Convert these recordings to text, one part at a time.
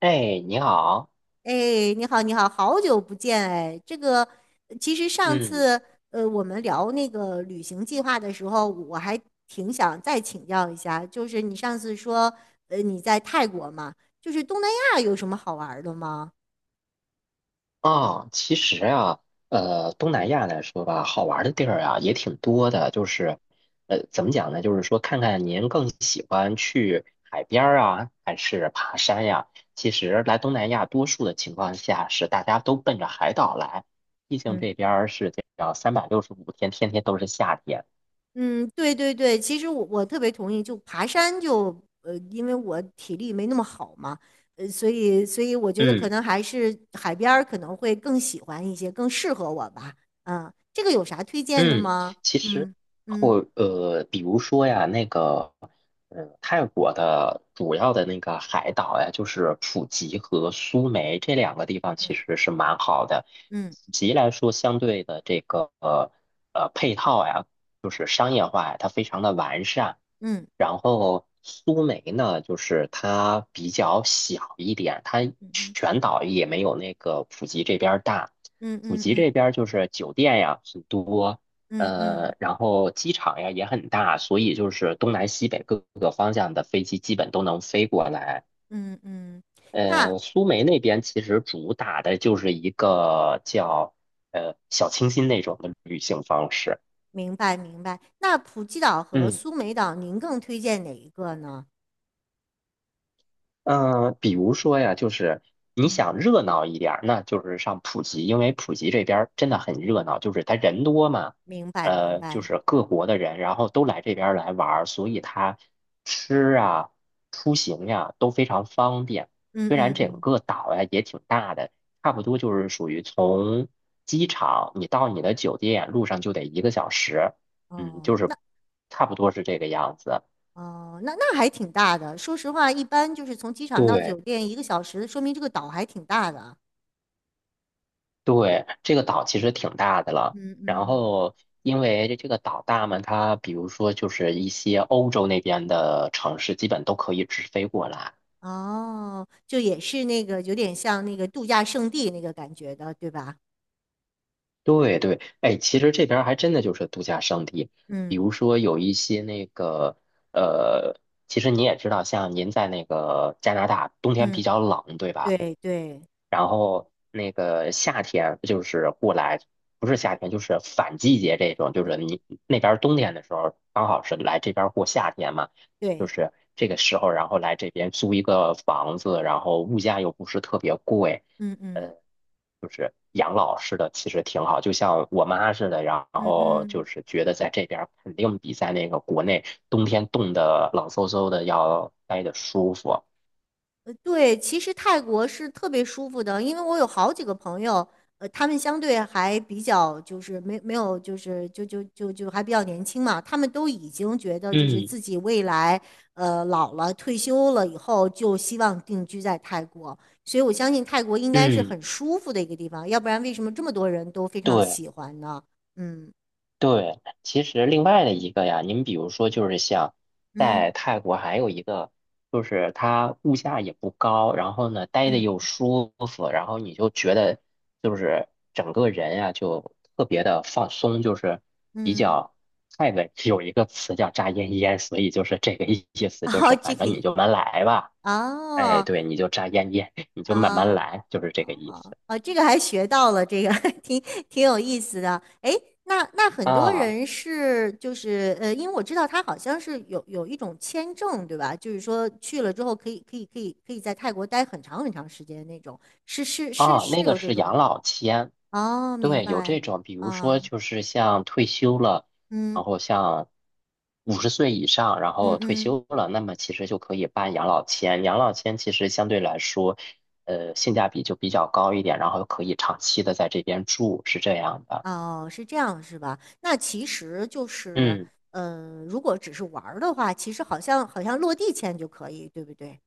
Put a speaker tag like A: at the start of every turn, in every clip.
A: 哎，你好。
B: 哎，你好，你好，好久不见哎。这个其实上
A: 嗯，
B: 次我们聊那个旅行计划的时候，我还挺想再请教一下，就是你上次说你在泰国嘛，就是东南亚有什么好玩儿的吗？
A: 其实东南亚来说吧，好玩儿的地儿啊也挺多的，就是，怎么讲呢？就是说，看看您更喜欢去海边儿啊，还是爬山呀？其实来东南亚，多数的情况下是大家都奔着海岛来，毕竟
B: 嗯。
A: 这边儿是这样365天，天天都是夏天。
B: 嗯，对对对，其实我特别同意，就爬山就因为我体力没那么好嘛，所以我觉得可
A: 嗯。
B: 能还是海边儿可能会更喜欢一些，更适合我吧。嗯，这个有啥推荐的
A: 嗯，
B: 吗？
A: 其实
B: 嗯嗯
A: 比如说呀，那个，嗯，泰国的主要的那个海岛呀，就是普吉和苏梅这两个地方，其实是蛮好的。
B: 嗯
A: 普吉来说，相对的这个配套呀，就是商业化呀，它非常的完善。
B: 嗯
A: 然后苏梅呢，就是它比较小一点，它
B: 嗯
A: 全岛也没有那个普吉这边儿大。
B: 嗯
A: 普
B: 嗯
A: 吉
B: 嗯
A: 这边儿就是酒店呀很多，
B: 嗯嗯嗯嗯，
A: 然后机场呀也很大，所以就是东南西北各个方向的飞机基本都能飞过来。
B: 嗯嗯嗯。那
A: 苏梅那边其实主打的就是一个叫小清新那种的旅行方式。
B: 明白明白。那普吉岛和
A: 嗯。
B: 苏梅岛，您更推荐哪一个呢？
A: 比如说呀，就是你
B: 嗯，
A: 想热闹一点儿，那就是上普吉，因为普吉这边儿真的很热闹，就是它人多嘛。
B: 明白明
A: 就
B: 白。
A: 是各国的人，然后都来这边儿来玩儿，所以它吃啊、出行呀都非常方便。
B: 嗯
A: 虽
B: 嗯
A: 然整
B: 嗯，
A: 个岛呀也挺大的，差不多就是属于从机场你到你的酒店路上就得一个小时，就
B: 哦。
A: 是
B: 那。
A: 差不多是这个样子。
B: 哦，那还挺大的。说实话，一般就是从机场到酒
A: 对，
B: 店1个小时，说明这个岛还挺大的。
A: 对，这个岛其实挺大的了。
B: 嗯
A: 然
B: 嗯，
A: 后，因为这个岛大嘛，它比如说就是一些欧洲那边的城市，基本都可以直飞过来。
B: 哦，就也是那个有点像那个度假胜地那个感觉的，对吧？
A: 对对，哎，其实这边儿还真的就是度假胜地，比
B: 嗯
A: 如说有一些那个呃，其实你也知道，像您在那个加拿大，冬天
B: 嗯，
A: 比较冷，对吧？
B: 对对
A: 然后那个夏天就是过来，不是夏天就是反季节这种，就是你那边儿冬天的时候，刚好是来这边儿过夏天嘛，就
B: 对，
A: 是这个时候，然后来这边租一个房子，然后物价又不是特别贵，
B: 嗯
A: 呃，
B: 嗯
A: 就是养老似的，其实挺好，就像我妈似的，然
B: 嗯
A: 后就
B: 嗯。
A: 是觉得在这边儿肯定比在那个国内冬天冻得冷飕飕的要待得舒服。
B: 对，其实泰国是特别舒服的，因为我有好几个朋友，他们相对还比较就是没有就是就还比较年轻嘛，他们都已经觉得就是
A: 嗯
B: 自己未来老了退休了以后就希望定居在泰国，所以我相信泰国应该是
A: 嗯，
B: 很舒服的一个地方，要不然为什么这么多人都非常
A: 对。
B: 喜欢呢？嗯
A: 对，其实另外的一个呀，您比如说就是像在
B: 嗯
A: 泰国还有一个，就是它物价也不高，然后呢待的
B: 嗯
A: 又舒服，然后你就觉得就是整个人呀就特别的放松，就是比
B: 嗯，
A: 较泰文有一个词叫"扎烟烟"，所以就是这个意 思，就
B: 哦，
A: 是
B: 这
A: 反
B: 个
A: 正你就慢慢来吧。哎，
B: 哦
A: 对，你就扎烟烟，你就慢慢
B: 啊。
A: 来，就是这个意思。
B: 哦，这个还学到了，这个 挺挺有意思的。哎，那很多
A: 啊，
B: 人是就是因为我知道他好像是有一种签证，对吧？就是说去了之后可以在泰国待很长很长时间的那种，是是是
A: 啊，
B: 是
A: 那个
B: 有这
A: 是
B: 种
A: 养
B: 吗？
A: 老签，
B: 哦，明
A: 对，有
B: 白。
A: 这种，比如
B: 啊，
A: 说就是像退休了，
B: 嗯
A: 然后像50岁以上，然后
B: 嗯
A: 退
B: 嗯，
A: 休了，那么其实就可以办养老签。养老签其实相对来说，性价比就比较高一点，然后可以长期的在这边住，是这样的。
B: 哦，是这样是吧？那其实就是，
A: 嗯。
B: 如果只是玩儿的话，其实好像落地签就可以，对不对？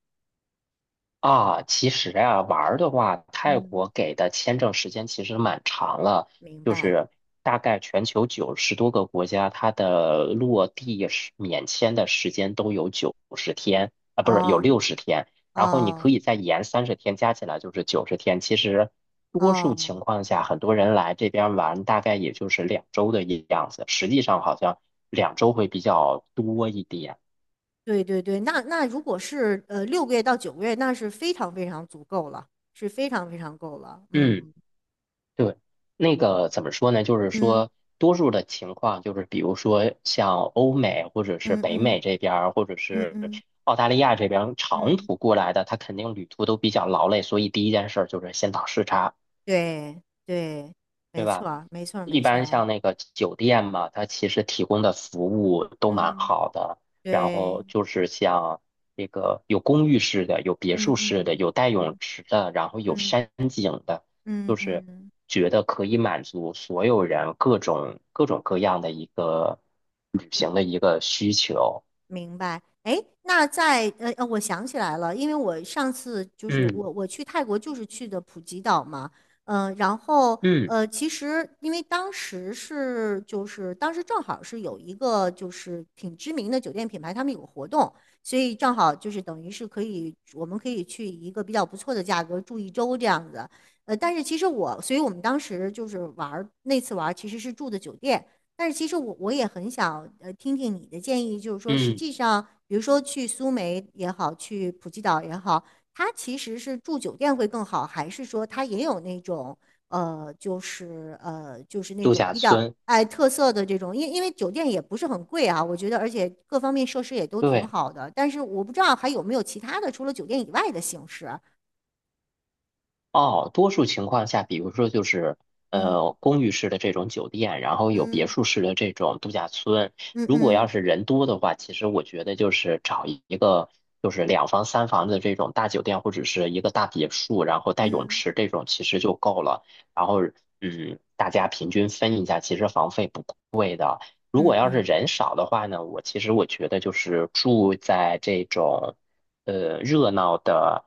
A: 啊，其实呀，玩儿的话，泰
B: 嗯，
A: 国给的签证时间其实蛮长了，
B: 明
A: 就
B: 白。
A: 是大概全球90多个国家，它的落地是免签的时间都有九十天啊，不是有
B: 哦。
A: 60天，然后你可
B: 哦
A: 以再延30天，加起来就是九十天。其实多数
B: 哦，
A: 情况下，很多人来这边玩，大概也就是两周的样子，实际上好像两周会比较多一点。
B: 对对对，那如果是6个月到9个月，那是非常非常足够了，是非常非常够了。
A: 嗯。
B: 嗯
A: 对，那个怎么说呢？就是
B: 嗯
A: 说，多数的情况就是，比如说像欧美或者是
B: 嗯
A: 北美
B: 嗯
A: 这边儿，或者
B: 嗯
A: 是
B: 嗯
A: 澳大利亚这边儿长
B: 嗯，
A: 途过来的，他肯定旅途都比较劳累，所以第一件事儿就是先倒时差，
B: 对对，没
A: 对
B: 错
A: 吧？
B: 儿没错儿
A: 一
B: 没错
A: 般
B: 儿
A: 像那个酒店嘛，它其实提供的服务都蛮
B: 嗯，
A: 好的。然后
B: 对，
A: 就是像这个有公寓式的，有别
B: 嗯
A: 墅
B: 嗯
A: 式的，
B: 嗯
A: 有带泳
B: 嗯
A: 池的，然后有山景的，
B: 嗯
A: 就是
B: 嗯嗯。
A: 觉得可以满足所有人各种各种各样的一个旅行的一个需求。
B: 明白，哎，那在我想起来了，因为我上次就是
A: 嗯
B: 我去泰国就是去的普吉岛嘛，然后
A: 嗯
B: 其实因为当时是就是当时正好是有一个就是挺知名的酒店品牌，他们有个活动，所以正好就是等于是我们可以去一个比较不错的价格住1周这样子，但是其实所以我们当时就是玩儿那次玩儿其实是住的酒店。但是其实我也很想听听你的建议，就是说实
A: 嗯，
B: 际上，比如说去苏梅也好，去普吉岛也好，它其实是住酒店会更好，还是说它也有那种就是那
A: 度
B: 种
A: 假
B: 比较
A: 村，
B: 哎特色的这种，因为酒店也不是很贵啊，我觉得，而且各方面设施也都挺
A: 对。
B: 好的，但是我不知道还有没有其他的除了酒店以外的形式，
A: 哦，多数情况下，比如说就是
B: 嗯
A: 公寓式的这种酒店，然后有别
B: 嗯
A: 墅式的这种度假村。
B: 嗯
A: 如果要
B: 嗯
A: 是人多的话，其实我觉得就是找一个就是两房三房的这种大酒店，或者是一个大别墅，然后带泳
B: 嗯
A: 池这种其实就够了。然后大家平均分一下，其实房费不贵。如
B: 嗯
A: 果要是
B: 嗯
A: 人少的话呢，我其实我觉得就是住在这种热闹的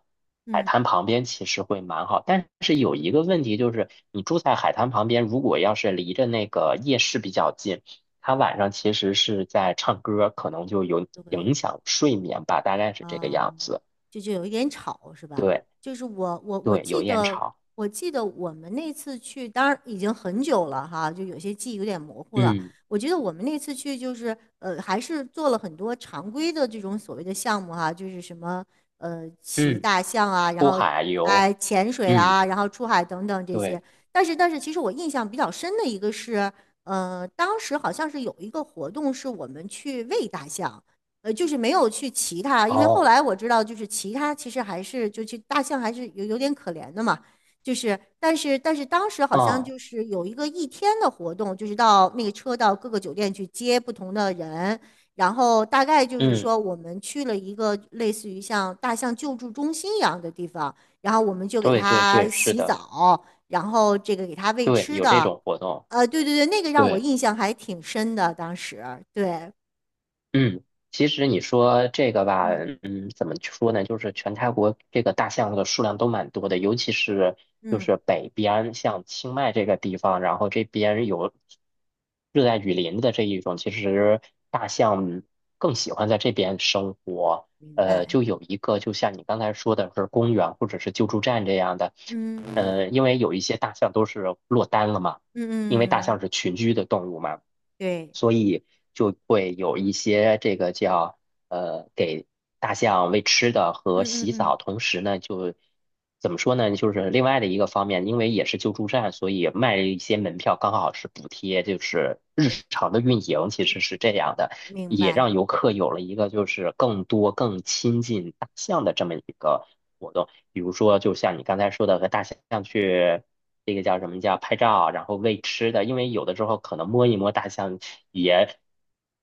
A: 海
B: 嗯，
A: 滩旁边，其实会蛮好。但是有一个问题就是，你住在海滩旁边，如果要是离着那个夜市比较近，它晚上其实是在唱歌，可能就有
B: 对。
A: 影响睡眠吧，大概是这个样
B: 嗯，
A: 子。
B: 就有一点吵是吧？
A: 对
B: 就是我我我
A: 对，有
B: 记
A: 烟
B: 得
A: 潮。
B: 我记得我们那次去，当然已经很久了哈，就有些记忆有点模糊了。
A: 嗯
B: 我觉得我们那次去就是还是做了很多常规的这种所谓的项目哈，就是什么骑
A: 嗯，
B: 大象啊，然
A: 出
B: 后
A: 海游。
B: 哎潜水
A: 嗯，
B: 啊，然后出海等等这些。
A: 对。
B: 但是，其实我印象比较深的一个是，当时好像是有一个活动是我们去喂大象。就是没有去骑它，因为后
A: 哦，
B: 来我知道，就是骑它其实还是就去大象还是有点可怜的嘛，就是但是当时好像
A: 嗯
B: 就是有一个一天的活动，就是到那个车到各个酒店去接不同的人，然后大概就是
A: 嗯，
B: 说我们去了一个类似于像大象救助中心一样的地方，然后我们就给
A: 对对
B: 它
A: 对，是
B: 洗
A: 的。
B: 澡，然后这个给它喂
A: 对，
B: 吃
A: 有这
B: 的，
A: 种活动。
B: 对对对，那个让我
A: 对。
B: 印象还挺深的，当时对，
A: 嗯，其实你说这个吧，
B: 嗯
A: 怎么说呢？就是全泰国这个大象的数量都蛮多的，尤其是就
B: 嗯，
A: 是北边，像清迈这个地方，然后这边有热带雨林的这一种，其实大象更喜欢在这边生活。
B: 明白。
A: 就有一个，就像你刚才说的是公园或者是救助站这样的。
B: 嗯嗯
A: 因为有一些大象都是落单了嘛，因为大
B: 嗯，
A: 象是群居的动物嘛，
B: 对，
A: 所以就会有一些这个叫给大象喂吃的
B: 嗯
A: 和
B: 嗯
A: 洗
B: 嗯，
A: 澡。同时呢就怎么说呢，就是另外的一个方面，因为也是救助站，所以卖了一些门票，刚好是补贴，就是日常的运营其实是这样的。
B: 明
A: 也
B: 白，
A: 让游客有了一个就是更多、更亲近大象的这么一个活动。比如说，就像你刚才说的，和大象去这个叫什么叫拍照，然后喂吃的，因为有的时候可能摸一摸大象也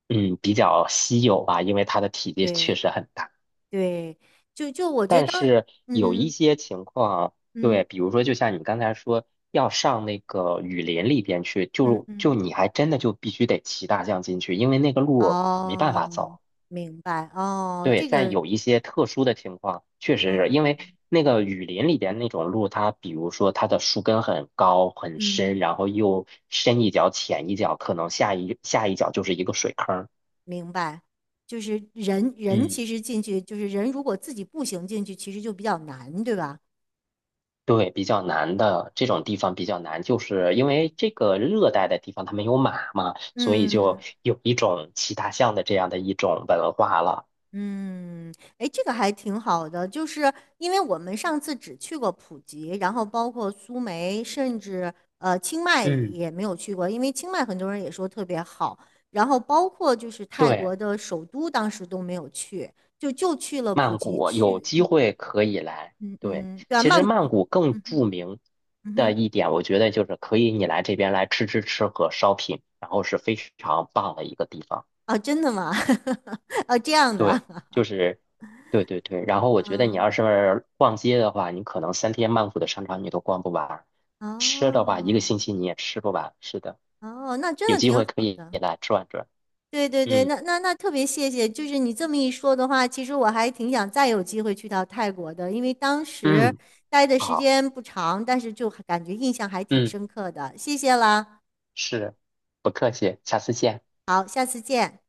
A: 比较稀有吧，因为它的体积确
B: 对
A: 实很大。
B: 对，就我觉
A: 但
B: 得当，
A: 是有
B: 嗯
A: 一
B: 嗯
A: 些情况，
B: 嗯
A: 对，比如说就像你刚才说，要上那个雨林里边去，
B: 嗯
A: 就
B: 嗯，
A: 你还真的就必须得骑大象进去，因为那个路没办
B: 哦，
A: 法走。
B: 明白，哦，
A: 对，
B: 这
A: 在
B: 个，
A: 有一些特殊的情况，确实是
B: 哦，
A: 因为那个雨林里边那种路，它比如说它的树根很高很
B: 嗯，
A: 深，然后又深一脚浅一脚，可能下一脚就是一个水坑儿。
B: 明白，就是人人
A: 嗯
B: 其实进去，就是人如果自己步行进去，其实就比较难，对吧？
A: 对，比较难的这种地方比较难，就是因为这个热带的地方它没有马嘛，所以就
B: 嗯。
A: 有一种骑大象的这样的一种文化了。
B: 嗯，哎，这个还挺好的，就是因为我们上次只去过普吉，然后包括苏梅，甚至清迈
A: 嗯，
B: 也没有去过，因为清迈很多人也说特别好，然后包括就是泰
A: 对，
B: 国的首都，当时都没有去，就去了普
A: 曼
B: 吉
A: 谷有
B: 去，
A: 机会可以来。
B: 嗯
A: 对，
B: 嗯，对啊，
A: 其
B: 曼
A: 实
B: 谷，
A: 曼谷更著名
B: 嗯
A: 的
B: 哼，
A: 一点，我觉得就是可以你来这边来吃吃吃和 shopping，然后是非常棒的一个地方。
B: 啊，真的吗？啊，这样的，
A: 对，就是对对对。然后我觉得你
B: 嗯，
A: 要是逛街的话，你可能3天曼谷的商场你都逛不完，吃的话一个
B: 哦
A: 星期你也吃不完。是的，
B: 哦，那真
A: 有
B: 的
A: 机
B: 挺好。
A: 会可以
B: 的。
A: 来转转。
B: 对对对，
A: 嗯
B: 那特别谢谢，就是你这么一说的话，其实我还挺想再有机会去到泰国的，因为当时
A: 嗯，
B: 待的时
A: 好，
B: 间不长，但是就感觉印象还挺
A: 嗯，
B: 深刻的。谢谢了，
A: 是，不客气，下次见。
B: 好，下次见。